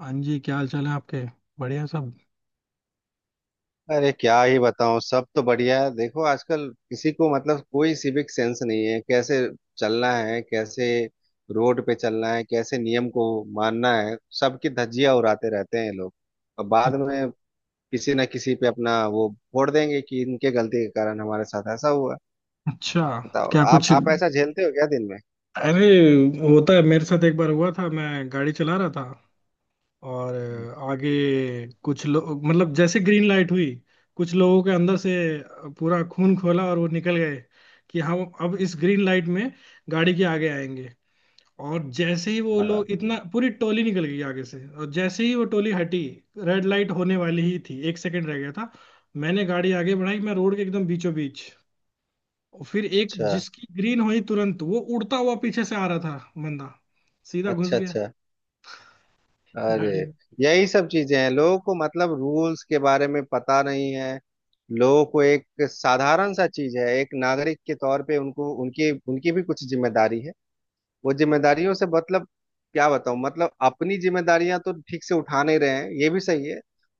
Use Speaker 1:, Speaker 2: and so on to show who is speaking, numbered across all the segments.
Speaker 1: हाँ जी, क्या हाल चाल है आपके? बढ़िया सब।
Speaker 2: अरे क्या ही बताऊं। सब तो बढ़िया है। देखो, आजकल किसी को मतलब कोई सिविक सेंस नहीं है। कैसे चलना है, कैसे रोड पे चलना है, कैसे नियम को मानना है, सबकी धज्जियां उड़ाते रहते हैं ये लोग। और बाद
Speaker 1: अच्छ-
Speaker 2: में किसी ना किसी पे अपना वो फोड़ देंगे कि इनके गलती के कारण हमारे साथ ऐसा हुआ।
Speaker 1: अच्छा।
Speaker 2: बताओ,
Speaker 1: क्या
Speaker 2: आप
Speaker 1: कुछ,
Speaker 2: आप ऐसा झेलते हो क्या दिन में?
Speaker 1: अरे, होता है। मेरे साथ एक बार हुआ था। मैं गाड़ी चला रहा था और
Speaker 2: हम्म।
Speaker 1: आगे कुछ लोग, मतलब जैसे ग्रीन लाइट हुई, कुछ लोगों के अंदर से पूरा खून खोला और वो निकल गए कि हम अब इस ग्रीन लाइट में गाड़ी के आगे आएंगे। और जैसे ही वो
Speaker 2: हाँ।
Speaker 1: लोग, इतना पूरी टोली निकल गई आगे से, और जैसे ही वो टोली हटी, रेड लाइट होने वाली ही थी, 1 सेकंड रह गया था। मैंने गाड़ी आगे बढ़ाई, मैं रोड के एकदम बीचों बीच। और फिर एक
Speaker 2: अच्छा,
Speaker 1: जिसकी ग्रीन हुई, तुरंत वो उड़ता हुआ पीछे से आ रहा था, बंदा सीधा घुस
Speaker 2: अच्छा।
Speaker 1: गया
Speaker 2: अच्छा। अरे।
Speaker 1: गाड़ी में।
Speaker 2: यही सब चीजें हैं, लोगों को मतलब रूल्स के बारे में पता नहीं है। लोगों को एक साधारण सा चीज है, एक नागरिक के तौर पे उनको उनकी उनकी भी कुछ जिम्मेदारी है। वो जिम्मेदारियों से मतलब क्या बताऊं, मतलब अपनी जिम्मेदारियां तो ठीक से उठा नहीं रहे हैं, ये भी सही है।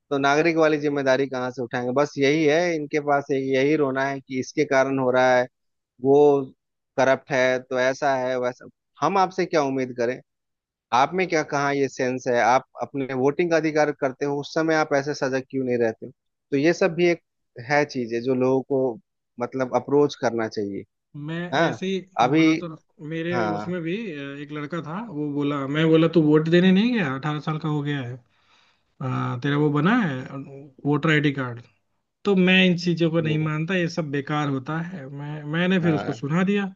Speaker 2: तो नागरिक वाली जिम्मेदारी कहाँ से उठाएंगे। बस यही है इनके पास, एक यही रोना है कि इसके कारण हो रहा है, वो करप्ट है, तो ऐसा है वैसा। हम आपसे क्या उम्मीद करें? आप में क्या, कहाँ ये सेंस है? आप अपने वोटिंग का अधिकार करते हो उस समय, आप ऐसे सजग क्यों नहीं रहते हो? तो ये सब भी एक है, चीज है जो लोगों को मतलब अप्रोच करना चाहिए।
Speaker 1: मैं
Speaker 2: हाँ।
Speaker 1: ऐसे ही
Speaker 2: अभी।
Speaker 1: बताता रहा। मेरे
Speaker 2: हाँ।
Speaker 1: उसमें भी एक लड़का था। वो बोला, मैं बोला, तू वोट देने नहीं गया, 18 साल का हो गया है, तेरा वो बना है, वोटर आईडी कार्ड। तो मैं इन चीजों को नहीं
Speaker 2: हम्म।
Speaker 1: मानता, ये सब बेकार होता है। मैंने फिर उसको
Speaker 2: हाँ।
Speaker 1: सुना दिया।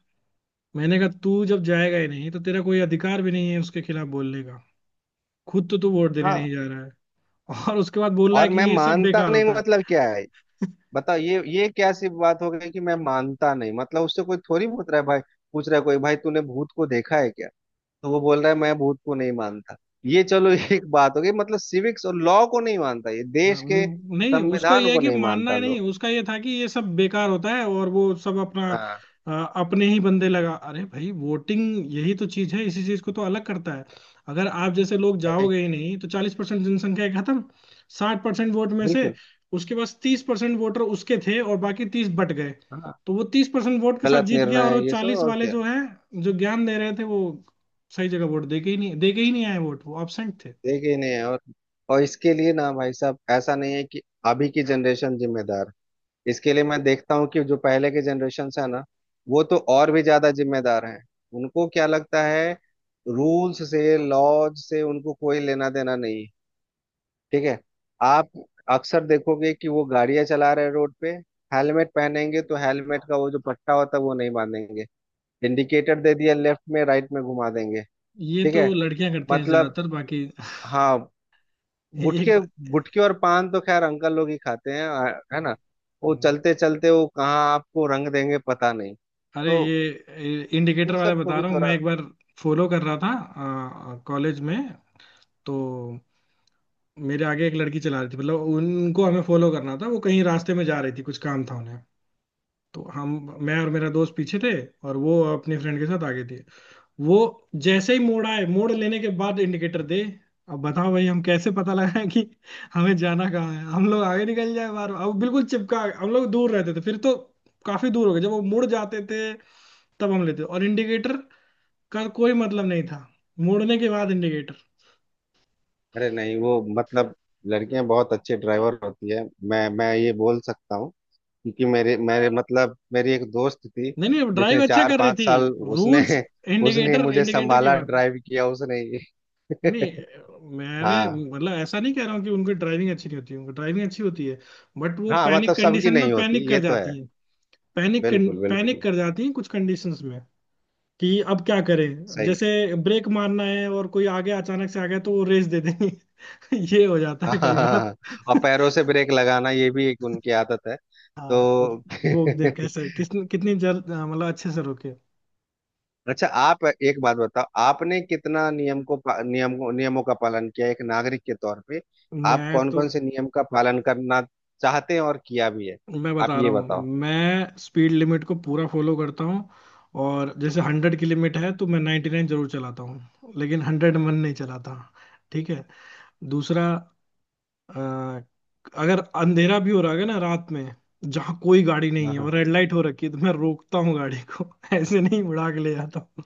Speaker 1: मैंने कहा तू जब जाएगा ही नहीं तो तेरा कोई अधिकार भी नहीं है उसके खिलाफ बोलने का। खुद तो तू वोट देने नहीं
Speaker 2: हाँ।
Speaker 1: जा रहा है और उसके बाद बोल रहा है
Speaker 2: और
Speaker 1: कि
Speaker 2: मैं
Speaker 1: ये सब
Speaker 2: मानता
Speaker 1: बेकार
Speaker 2: नहीं
Speaker 1: होता
Speaker 2: मतलब क्या है? बताओ, ये क्या सी बात हो गई कि मैं
Speaker 1: है।
Speaker 2: मानता नहीं? मतलब उससे कोई थोड़ी पूछ रहा है भाई। पूछ रहा है कोई भाई, तूने भूत को देखा है क्या? तो वो बोल रहा है मैं भूत को नहीं मानता। ये चलो एक बात हो गई, मतलब सिविक्स और लॉ को नहीं मानता ये,
Speaker 1: हाँ,
Speaker 2: देश के
Speaker 1: नहीं, उसका
Speaker 2: संविधान
Speaker 1: ये है
Speaker 2: को
Speaker 1: कि
Speaker 2: नहीं
Speaker 1: मानना
Speaker 2: मानता
Speaker 1: है, नहीं
Speaker 2: लोग।
Speaker 1: उसका ये था कि ये सब बेकार होता है और वो सब अपना।
Speaker 2: हाँ।
Speaker 1: अ, अपने ही बंदे लगा, अरे भाई, वोटिंग यही तो चीज है, इसी चीज को तो अलग करता है। अगर आप जैसे लोग
Speaker 2: भाई,
Speaker 1: जाओगे ही नहीं, तो 40% जनसंख्या है खत्म। 60% वोट में से
Speaker 2: बिल्कुल।
Speaker 1: उसके पास 30% वोटर उसके थे और बाकी 30 बट गए।
Speaker 2: हाँ,
Speaker 1: तो वो 30% वोट के साथ
Speaker 2: गलत
Speaker 1: जीत गया,
Speaker 2: निर्णय
Speaker 1: और वो
Speaker 2: है ये सब,
Speaker 1: 40
Speaker 2: और
Speaker 1: वाले
Speaker 2: क्या।
Speaker 1: जो है, जो ज्ञान दे रहे थे, वो सही जगह वोट दे के ही नहीं, दे के ही नहीं आए वोट, वो एबसेंट थे।
Speaker 2: देखे ही नहीं है, और इसके लिए ना भाई साहब, ऐसा नहीं है कि अभी की जनरेशन जिम्मेदार है। इसके लिए मैं देखता हूँ कि जो पहले के जनरेशन है ना, वो तो और भी ज्यादा जिम्मेदार हैं। उनको क्या लगता है, रूल्स से लॉज से उनको कोई लेना देना नहीं है। ठीक है। आप अक्सर देखोगे कि वो गाड़ियां चला रहे हैं रोड पे। हेलमेट पहनेंगे तो हेलमेट का वो जो पट्टा होता है वो नहीं बांधेंगे। इंडिकेटर दे दिया लेफ्ट में, राइट में घुमा देंगे।
Speaker 1: ये
Speaker 2: ठीक
Speaker 1: तो
Speaker 2: है।
Speaker 1: लड़कियां करती हैं
Speaker 2: मतलब।
Speaker 1: ज्यादातर। बाकी
Speaker 2: हाँ।
Speaker 1: एक
Speaker 2: गुटखे
Speaker 1: बार।
Speaker 2: गुटखे और पान तो खैर अंकल लोग ही खाते हैं है ना। वो
Speaker 1: हाँ।
Speaker 2: चलते चलते वो कहाँ आपको रंग देंगे पता नहीं।
Speaker 1: अरे
Speaker 2: तो
Speaker 1: ये इंडिकेटर
Speaker 2: इन
Speaker 1: वाला
Speaker 2: सब को
Speaker 1: बता
Speaker 2: भी
Speaker 1: रहा हूँ। मैं
Speaker 2: थोड़ा।
Speaker 1: एक बार फॉलो कर रहा था कॉलेज में। तो मेरे आगे एक लड़की चला रही थी, मतलब उनको हमें फॉलो करना था। वो कहीं रास्ते में जा रही थी, कुछ काम था उन्हें। तो हम, मैं और मेरा दोस्त, पीछे थे, और वो अपने फ्रेंड के साथ आगे थी। वो जैसे ही मोड़ आए, मोड़ लेने के बाद इंडिकेटर दे। अब बताओ भाई, हम कैसे पता लगाएं कि हमें जाना कहाँ है? हम लोग आगे निकल जाए बार, अब बिल्कुल चिपका, हम लोग दूर रहते थे फिर तो। काफी दूर हो गए, जब वो मुड़ जाते थे तब हम लेते। और इंडिकेटर का कोई मतलब नहीं था मोड़ने के बाद इंडिकेटर।
Speaker 2: अरे नहीं वो, मतलब लड़कियां बहुत अच्छे ड्राइवर होती है। मैं ये बोल सकता हूँ। क्योंकि
Speaker 1: हम्म।
Speaker 2: मेरे मेरे मतलब मेरी एक दोस्त थी।
Speaker 1: नहीं नहीं,
Speaker 2: जिसने
Speaker 1: ड्राइव अच्छा
Speaker 2: चार
Speaker 1: कर रही
Speaker 2: पांच
Speaker 1: थी।
Speaker 2: साल उसने
Speaker 1: रूल्स,
Speaker 2: उसने ही
Speaker 1: इंडिकेटर
Speaker 2: मुझे
Speaker 1: इंडिकेटर की
Speaker 2: संभाला,
Speaker 1: बात है।
Speaker 2: ड्राइव किया उसने ही।
Speaker 1: नहीं नहीं, मैंने
Speaker 2: हाँ
Speaker 1: मतलब ऐसा नहीं कह रहा हूँ कि उनकी ड्राइविंग अच्छी नहीं होती, उनकी ड्राइविंग अच्छी होती है। बट वो
Speaker 2: हाँ,
Speaker 1: पैनिक
Speaker 2: मतलब सबकी
Speaker 1: कंडीशन में
Speaker 2: नहीं
Speaker 1: पैनिक
Speaker 2: होती ये
Speaker 1: कर
Speaker 2: तो है।
Speaker 1: जाती है। पैनिक
Speaker 2: बिल्कुल
Speaker 1: पैनिक
Speaker 2: बिल्कुल
Speaker 1: कर जाती हैं कुछ कंडीशंस में, कि अब क्या करें,
Speaker 2: सही
Speaker 1: जैसे
Speaker 2: है।
Speaker 1: ब्रेक मारना है और कोई आगे अचानक से आ गया तो वो रेस दे देंगे। ये हो जाता
Speaker 2: हाँ
Speaker 1: है
Speaker 2: हाँ
Speaker 1: कई
Speaker 2: हाँ
Speaker 1: बार।
Speaker 2: हाँ। और पैरों से ब्रेक लगाना ये भी एक उनकी आदत है।
Speaker 1: हाँ।
Speaker 2: तो
Speaker 1: रोक दें कैसे, किस कितनी जल, मतलब अच्छे से रोके।
Speaker 2: अच्छा, आप एक बात बताओ, आपने कितना नियम को पा- नियम नियमों का पालन किया एक नागरिक के तौर पे? आप
Speaker 1: मैं
Speaker 2: कौन
Speaker 1: तो
Speaker 2: कौन से नियम का पालन करना चाहते हैं और किया भी है?
Speaker 1: मैं
Speaker 2: आप
Speaker 1: बता रहा
Speaker 2: ये
Speaker 1: हूँ,
Speaker 2: बताओ।
Speaker 1: मैं स्पीड लिमिट को पूरा फॉलो करता हूँ। और जैसे 100 की लिमिट है तो मैं 99 जरूर चलाता हूँ, लेकिन 100 मन नहीं चलाता। ठीक है। दूसरा, अ, अगर अंधेरा भी हो रहा है ना रात में, जहाँ कोई गाड़ी नहीं है और रेड लाइट हो रखी है, तो मैं रोकता हूँ गाड़ी को। ऐसे नहीं उड़ा के ले जाता हूँ।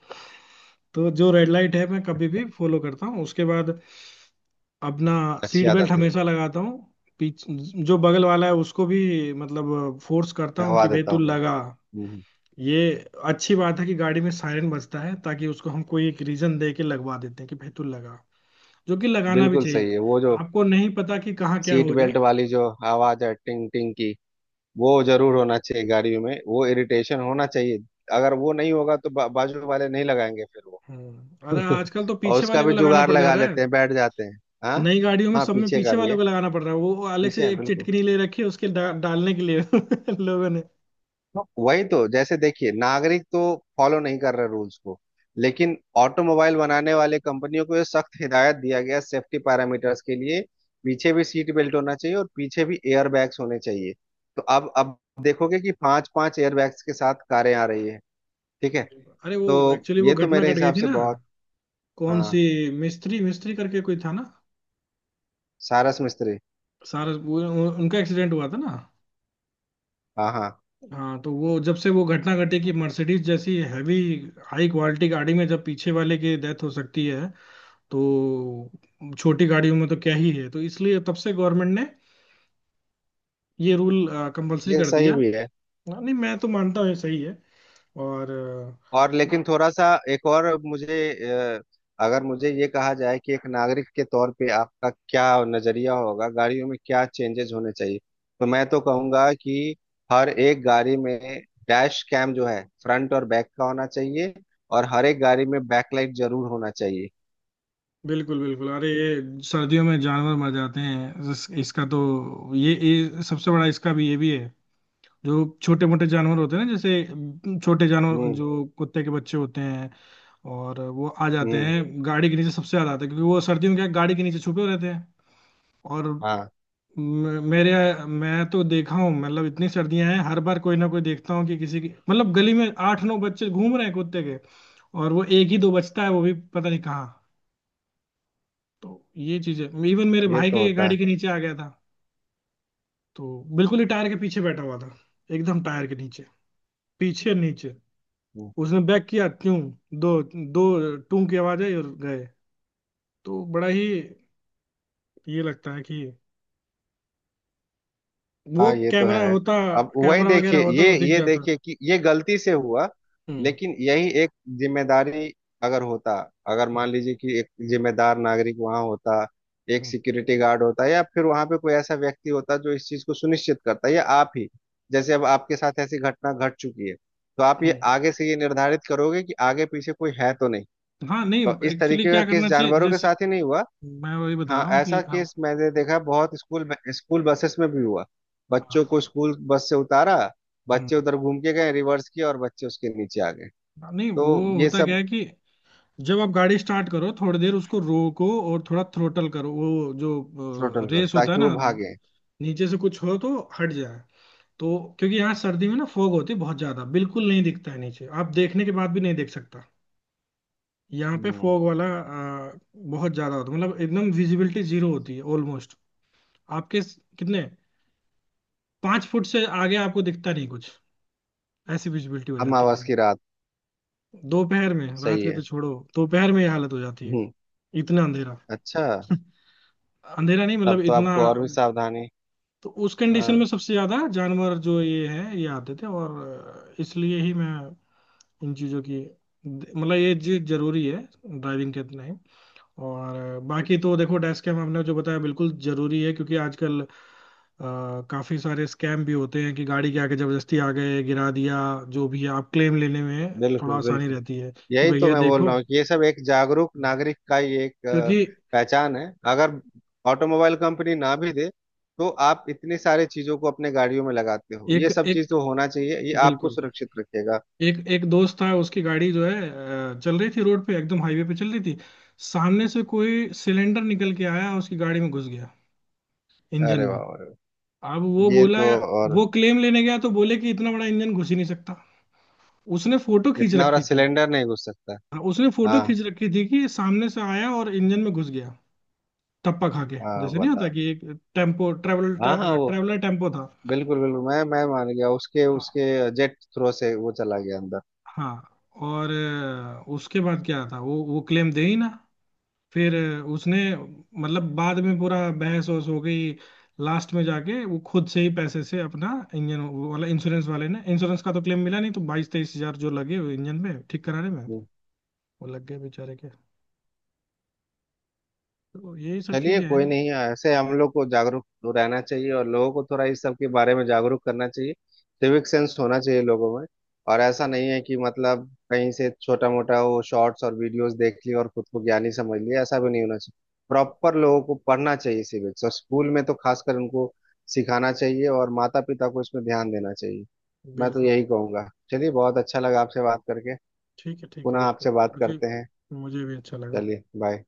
Speaker 1: तो जो रेड लाइट है मैं कभी भी फॉलो करता हूँ। उसके बाद अपना
Speaker 2: अच्छी
Speaker 1: सीट बेल्ट
Speaker 2: आदत है ये।
Speaker 1: हमेशा लगाता हूँ। पीछ जो बगल वाला है उसको भी मतलब फोर्स करता हूँ
Speaker 2: दबा
Speaker 1: कि भाई
Speaker 2: देता
Speaker 1: तू
Speaker 2: हूँ।
Speaker 1: लगा
Speaker 2: हम्म,
Speaker 1: ये। अच्छी बात है कि गाड़ी में सायरन बजता है, ताकि उसको हम कोई एक रीजन दे के लगवा देते हैं कि भाई तू लगा, जो कि लगाना भी
Speaker 2: बिल्कुल
Speaker 1: चाहिए।
Speaker 2: सही है वो जो
Speaker 1: आपको नहीं पता कि कहाँ क्या
Speaker 2: सीट
Speaker 1: हो जाए।
Speaker 2: बेल्ट वाली जो आवाज है, टिंग टिंग की। वो जरूर होना चाहिए गाड़ियों में, वो इरिटेशन होना चाहिए। अगर वो नहीं होगा तो बाजू वाले नहीं लगाएंगे फिर वो।
Speaker 1: अरे आजकल तो
Speaker 2: और
Speaker 1: पीछे
Speaker 2: उसका
Speaker 1: वाले को
Speaker 2: भी
Speaker 1: लगाना
Speaker 2: जुगाड़
Speaker 1: पड़ जा
Speaker 2: लगा
Speaker 1: रहा है।
Speaker 2: लेते हैं, बैठ जाते हैं। हाँ।
Speaker 1: नई गाड़ियों में,
Speaker 2: हाँ,
Speaker 1: सब में,
Speaker 2: पीछे का
Speaker 1: पीछे
Speaker 2: भी
Speaker 1: वाले
Speaker 2: है,
Speaker 1: को लगाना पड़ रहा है। वो अलग
Speaker 2: पीछे
Speaker 1: से
Speaker 2: है
Speaker 1: एक
Speaker 2: बिल्कुल।
Speaker 1: चिटकिनी ले रखी है उसके डालने के लिए। लोगों ने।
Speaker 2: हाँ, वही तो। जैसे देखिए, नागरिक तो फॉलो नहीं कर रहे रूल्स को, लेकिन ऑटोमोबाइल बनाने वाले कंपनियों को ये सख्त हिदायत दिया गया सेफ्टी पैरामीटर्स के लिए। पीछे भी सीट बेल्ट होना चाहिए और पीछे भी एयर बैग्स होने चाहिए। तो अब देखोगे कि पांच पांच एयर बैग्स के साथ कारें आ रही है। ठीक है।
Speaker 1: अरे, वो
Speaker 2: तो
Speaker 1: एक्चुअली वो
Speaker 2: ये तो
Speaker 1: घटना
Speaker 2: मेरे
Speaker 1: घट गई
Speaker 2: हिसाब
Speaker 1: थी
Speaker 2: से
Speaker 1: ना?
Speaker 2: बहुत।
Speaker 1: कौन
Speaker 2: हाँ।
Speaker 1: सी? मिस्त्री मिस्त्री करके कोई था ना?
Speaker 2: सारस मिस्त्री।
Speaker 1: सारा उनका एक्सीडेंट हुआ था ना?
Speaker 2: हाँ हाँ।
Speaker 1: हाँ, तो वो जब से वो घटना घटी कि मर्सिडीज जैसी हैवी, हाई क्वालिटी गाड़ी में जब पीछे वाले की डेथ हो सकती है, तो छोटी गाड़ियों में तो क्या ही है। तो इसलिए तब से गवर्नमेंट ने ये रूल कंपलसरी
Speaker 2: ये
Speaker 1: कर
Speaker 2: सही
Speaker 1: दिया।
Speaker 2: भी है।
Speaker 1: हाँ, नहीं मैं तो मानता हूँ ये सही है। और
Speaker 2: और लेकिन थोड़ा सा, एक और मुझे अगर मुझे ये कहा जाए कि एक नागरिक के तौर पे आपका क्या नजरिया होगा, गाड़ियों में क्या चेंजेस होने चाहिए, तो मैं तो कहूंगा कि हर एक गाड़ी में डैश कैम जो है फ्रंट और बैक का होना चाहिए, और हर एक गाड़ी में बैकलाइट जरूर होना चाहिए।
Speaker 1: बिल्कुल बिल्कुल, अरे, ये सर्दियों में जानवर मर जाते हैं। इसका तो ये सबसे बड़ा, इसका भी ये भी है। जो छोटे मोटे जानवर होते हैं ना, जैसे छोटे जानवर
Speaker 2: हम्म।
Speaker 1: जो कुत्ते के बच्चे होते हैं, और वो आ जाते
Speaker 2: हम्म।
Speaker 1: हैं गाड़ी के नीचे। सबसे ज्यादा आते हैं, क्योंकि वो सर्दियों में क्या है, गाड़ी के नीचे छुपे रहते हैं। और
Speaker 2: हाँ,
Speaker 1: म- मेरे मैं तो देखा हूँ, मतलब इतनी सर्दियां हैं, हर बार कोई ना कोई देखता हूँ कि किसी की मतलब गली में आठ नौ बच्चे घूम रहे हैं कुत्ते के, और वो एक ही दो बचता है, वो भी पता नहीं कहाँ। तो ये चीज है। इवन मेरे
Speaker 2: ये
Speaker 1: भाई
Speaker 2: तो
Speaker 1: के
Speaker 2: होता
Speaker 1: गाड़ी
Speaker 2: है।
Speaker 1: के नीचे आ गया था। तो बिल्कुल ही टायर के पीछे बैठा हुआ था, एकदम टायर के नीचे, पीछे नीचे।
Speaker 2: हम्म।
Speaker 1: उसने बैक किया क्यों, दो दो टूं की आवाज आई और गए। तो बड़ा ही ये लगता है कि वो
Speaker 2: हाँ, ये तो
Speaker 1: कैमरा
Speaker 2: है।
Speaker 1: होता,
Speaker 2: अब वही
Speaker 1: कैमरा वगैरह
Speaker 2: देखिए,
Speaker 1: होता तो
Speaker 2: ये
Speaker 1: दिख
Speaker 2: ये
Speaker 1: जाता।
Speaker 2: देखिए कि ये गलती से हुआ।
Speaker 1: हम्म।
Speaker 2: लेकिन यही एक जिम्मेदारी, अगर होता अगर
Speaker 1: हम्म।
Speaker 2: मान लीजिए कि एक जिम्मेदार नागरिक वहां होता, एक सिक्योरिटी गार्ड होता या फिर वहां पे कोई ऐसा व्यक्ति होता जो इस चीज को सुनिश्चित करता, या आप ही। जैसे अब आपके साथ ऐसी घटना घट चुकी है, तो आप ये
Speaker 1: हम्म।
Speaker 2: आगे से ये निर्धारित करोगे कि आगे पीछे कोई है तो नहीं।
Speaker 1: हाँ नहीं।
Speaker 2: तो इस
Speaker 1: एक्चुअली
Speaker 2: तरीके का
Speaker 1: क्या
Speaker 2: केस
Speaker 1: करना चाहिए,
Speaker 2: जानवरों के
Speaker 1: जैसे
Speaker 2: साथ ही नहीं हुआ।
Speaker 1: मैं वही बता
Speaker 2: हाँ,
Speaker 1: रहा हूँ
Speaker 2: ऐसा
Speaker 1: कि हम।
Speaker 2: केस मैंने देखा है, बहुत स्कूल में, स्कूल बसेस में भी हुआ। बच्चों
Speaker 1: हाँ,
Speaker 2: को स्कूल बस से उतारा, बच्चे
Speaker 1: हम्म।
Speaker 2: उधर घूम के गए, रिवर्स किए और बच्चे उसके नीचे आ गए।
Speaker 1: नहीं,
Speaker 2: तो
Speaker 1: वो
Speaker 2: ये
Speaker 1: होता क्या
Speaker 2: सब।
Speaker 1: है कि जब आप गाड़ी स्टार्ट करो, थोड़ी देर उसको रोको और थोड़ा थ्रोटल करो, वो जो
Speaker 2: थ्रोटल करो
Speaker 1: रेस होता है
Speaker 2: ताकि
Speaker 1: ना,
Speaker 2: वो भागे।
Speaker 1: नीचे से कुछ हो तो हट जाए। तो क्योंकि यहाँ सर्दी में ना फोग होती है बहुत ज्यादा, बिल्कुल नहीं दिखता है नीचे, आप देखने के बाद भी नहीं देख सकता। यहाँ पे
Speaker 2: हम्म।
Speaker 1: फोग वाला बहुत ज्यादा होता है, मतलब एकदम विजिबिलिटी 0 होती है ऑलमोस्ट। आपके कितने, 5 फुट से आगे आपको दिखता नहीं कुछ। ऐसी विजिबिलिटी हो जाती है
Speaker 2: अमावस
Speaker 1: कहीं
Speaker 2: की रात।
Speaker 1: दोपहर में, रात
Speaker 2: सही
Speaker 1: के तो
Speaker 2: है।
Speaker 1: छोड़ो, दोपहर में ये हालत हो जाती है।
Speaker 2: हम्म।
Speaker 1: इतना अंधेरा,
Speaker 2: अच्छा।
Speaker 1: अंधेरा नहीं मतलब
Speaker 2: तब तो
Speaker 1: इतना।
Speaker 2: आपको और भी सावधानी।
Speaker 1: तो उस कंडीशन
Speaker 2: हाँ,
Speaker 1: में सबसे ज्यादा जानवर जो ये है ये आते थे, और इसलिए ही मैं इन चीजों की, मतलब ये चीज जरूरी है ड्राइविंग के, इतना ही। और बाकी तो देखो, डेस्क कैम हमने जो बताया, बिल्कुल जरूरी है क्योंकि आजकल काफी सारे स्कैम भी होते हैं कि गाड़ी के आगे जबरदस्ती आ गए, गिरा दिया, जो भी है, आप क्लेम लेने में थोड़ा
Speaker 2: बिल्कुल
Speaker 1: आसानी
Speaker 2: बिल्कुल।
Speaker 1: रहती है, कि
Speaker 2: यही तो
Speaker 1: भैया
Speaker 2: मैं बोल
Speaker 1: देखो।
Speaker 2: रहा हूँ कि ये सब एक जागरूक नागरिक का ही एक
Speaker 1: क्योंकि
Speaker 2: पहचान है। अगर ऑटोमोबाइल कंपनी ना भी दे, तो आप इतनी सारी चीजों को अपने गाड़ियों में लगाते हो, ये
Speaker 1: एक
Speaker 2: सब चीज
Speaker 1: एक
Speaker 2: तो होना चाहिए, ये आपको
Speaker 1: बिल्कुल,
Speaker 2: सुरक्षित रखेगा।
Speaker 1: एक एक दोस्त था, उसकी गाड़ी जो है चल रही थी रोड पे, एकदम हाईवे पे चल रही थी। सामने से कोई सिलेंडर निकल के आया, उसकी गाड़ी में घुस गया, इंजन
Speaker 2: अरे
Speaker 1: में।
Speaker 2: वाह, अरे वाह।
Speaker 1: अब वो
Speaker 2: ये
Speaker 1: बोला,
Speaker 2: तो। और
Speaker 1: वो क्लेम लेने गया तो बोले कि इतना बड़ा इंजन घुस ही नहीं सकता। उसने फोटो खींच
Speaker 2: इतना बड़ा
Speaker 1: रखी थी।
Speaker 2: सिलेंडर नहीं घुस सकता।
Speaker 1: हाँ, उसने फोटो
Speaker 2: हाँ
Speaker 1: खींच रखी थी कि सामने से आया और इंजन में घुस गया। टप्पा खा के,
Speaker 2: हाँ,
Speaker 1: जैसे नहीं होता
Speaker 2: बताओ।
Speaker 1: कि एक टेम्पो
Speaker 2: हाँ हाँ, वो
Speaker 1: ट्रेवलर टेम्पो था।
Speaker 2: बिल्कुल बिल्कुल। मैं मान गया उसके
Speaker 1: हाँ,
Speaker 2: उसके जेट थ्रो से वो चला गया अंदर।
Speaker 1: हाँ, और उसके बाद क्या था, वो क्लेम दे ही ना। फिर उसने मतलब बाद में पूरा बहस वहस हो गई, लास्ट में जाके वो खुद से ही पैसे से अपना इंजन, वो वाला इंश्योरेंस वाले ने, इंश्योरेंस का तो क्लेम मिला नहीं, तो 22-23 हजार जो लगे वो इंजन में ठीक कराने में,
Speaker 2: हम्म।
Speaker 1: वो लग गए बेचारे के। तो यही सब
Speaker 2: चलिए,
Speaker 1: चीजें
Speaker 2: कोई
Speaker 1: हैं।
Speaker 2: नहीं। ऐसे हम लोग को जागरूक तो रहना चाहिए और लोगों को थोड़ा इस सब के बारे में जागरूक करना चाहिए। सिविक सेंस होना चाहिए लोगों में। और ऐसा नहीं है कि मतलब कहीं से छोटा मोटा वो शॉर्ट्स और वीडियोस देख लिए और खुद को ज्ञानी समझ लिए, ऐसा भी नहीं होना चाहिए। प्रॉपर लोगों को पढ़ना चाहिए सिविक्स, और स्कूल में तो खासकर उनको सिखाना चाहिए, और माता पिता को इसमें ध्यान देना चाहिए। मैं तो
Speaker 1: बिल्कुल।
Speaker 2: यही कहूंगा। चलिए, बहुत अच्छा लगा आपसे बात करके।
Speaker 1: ठीक है, ठीक है,
Speaker 2: पुनः
Speaker 1: बिल्कुल।
Speaker 2: आपसे बात
Speaker 1: मुझे
Speaker 2: करते हैं।
Speaker 1: मुझे भी अच्छा लगा।
Speaker 2: चलिए, बाय।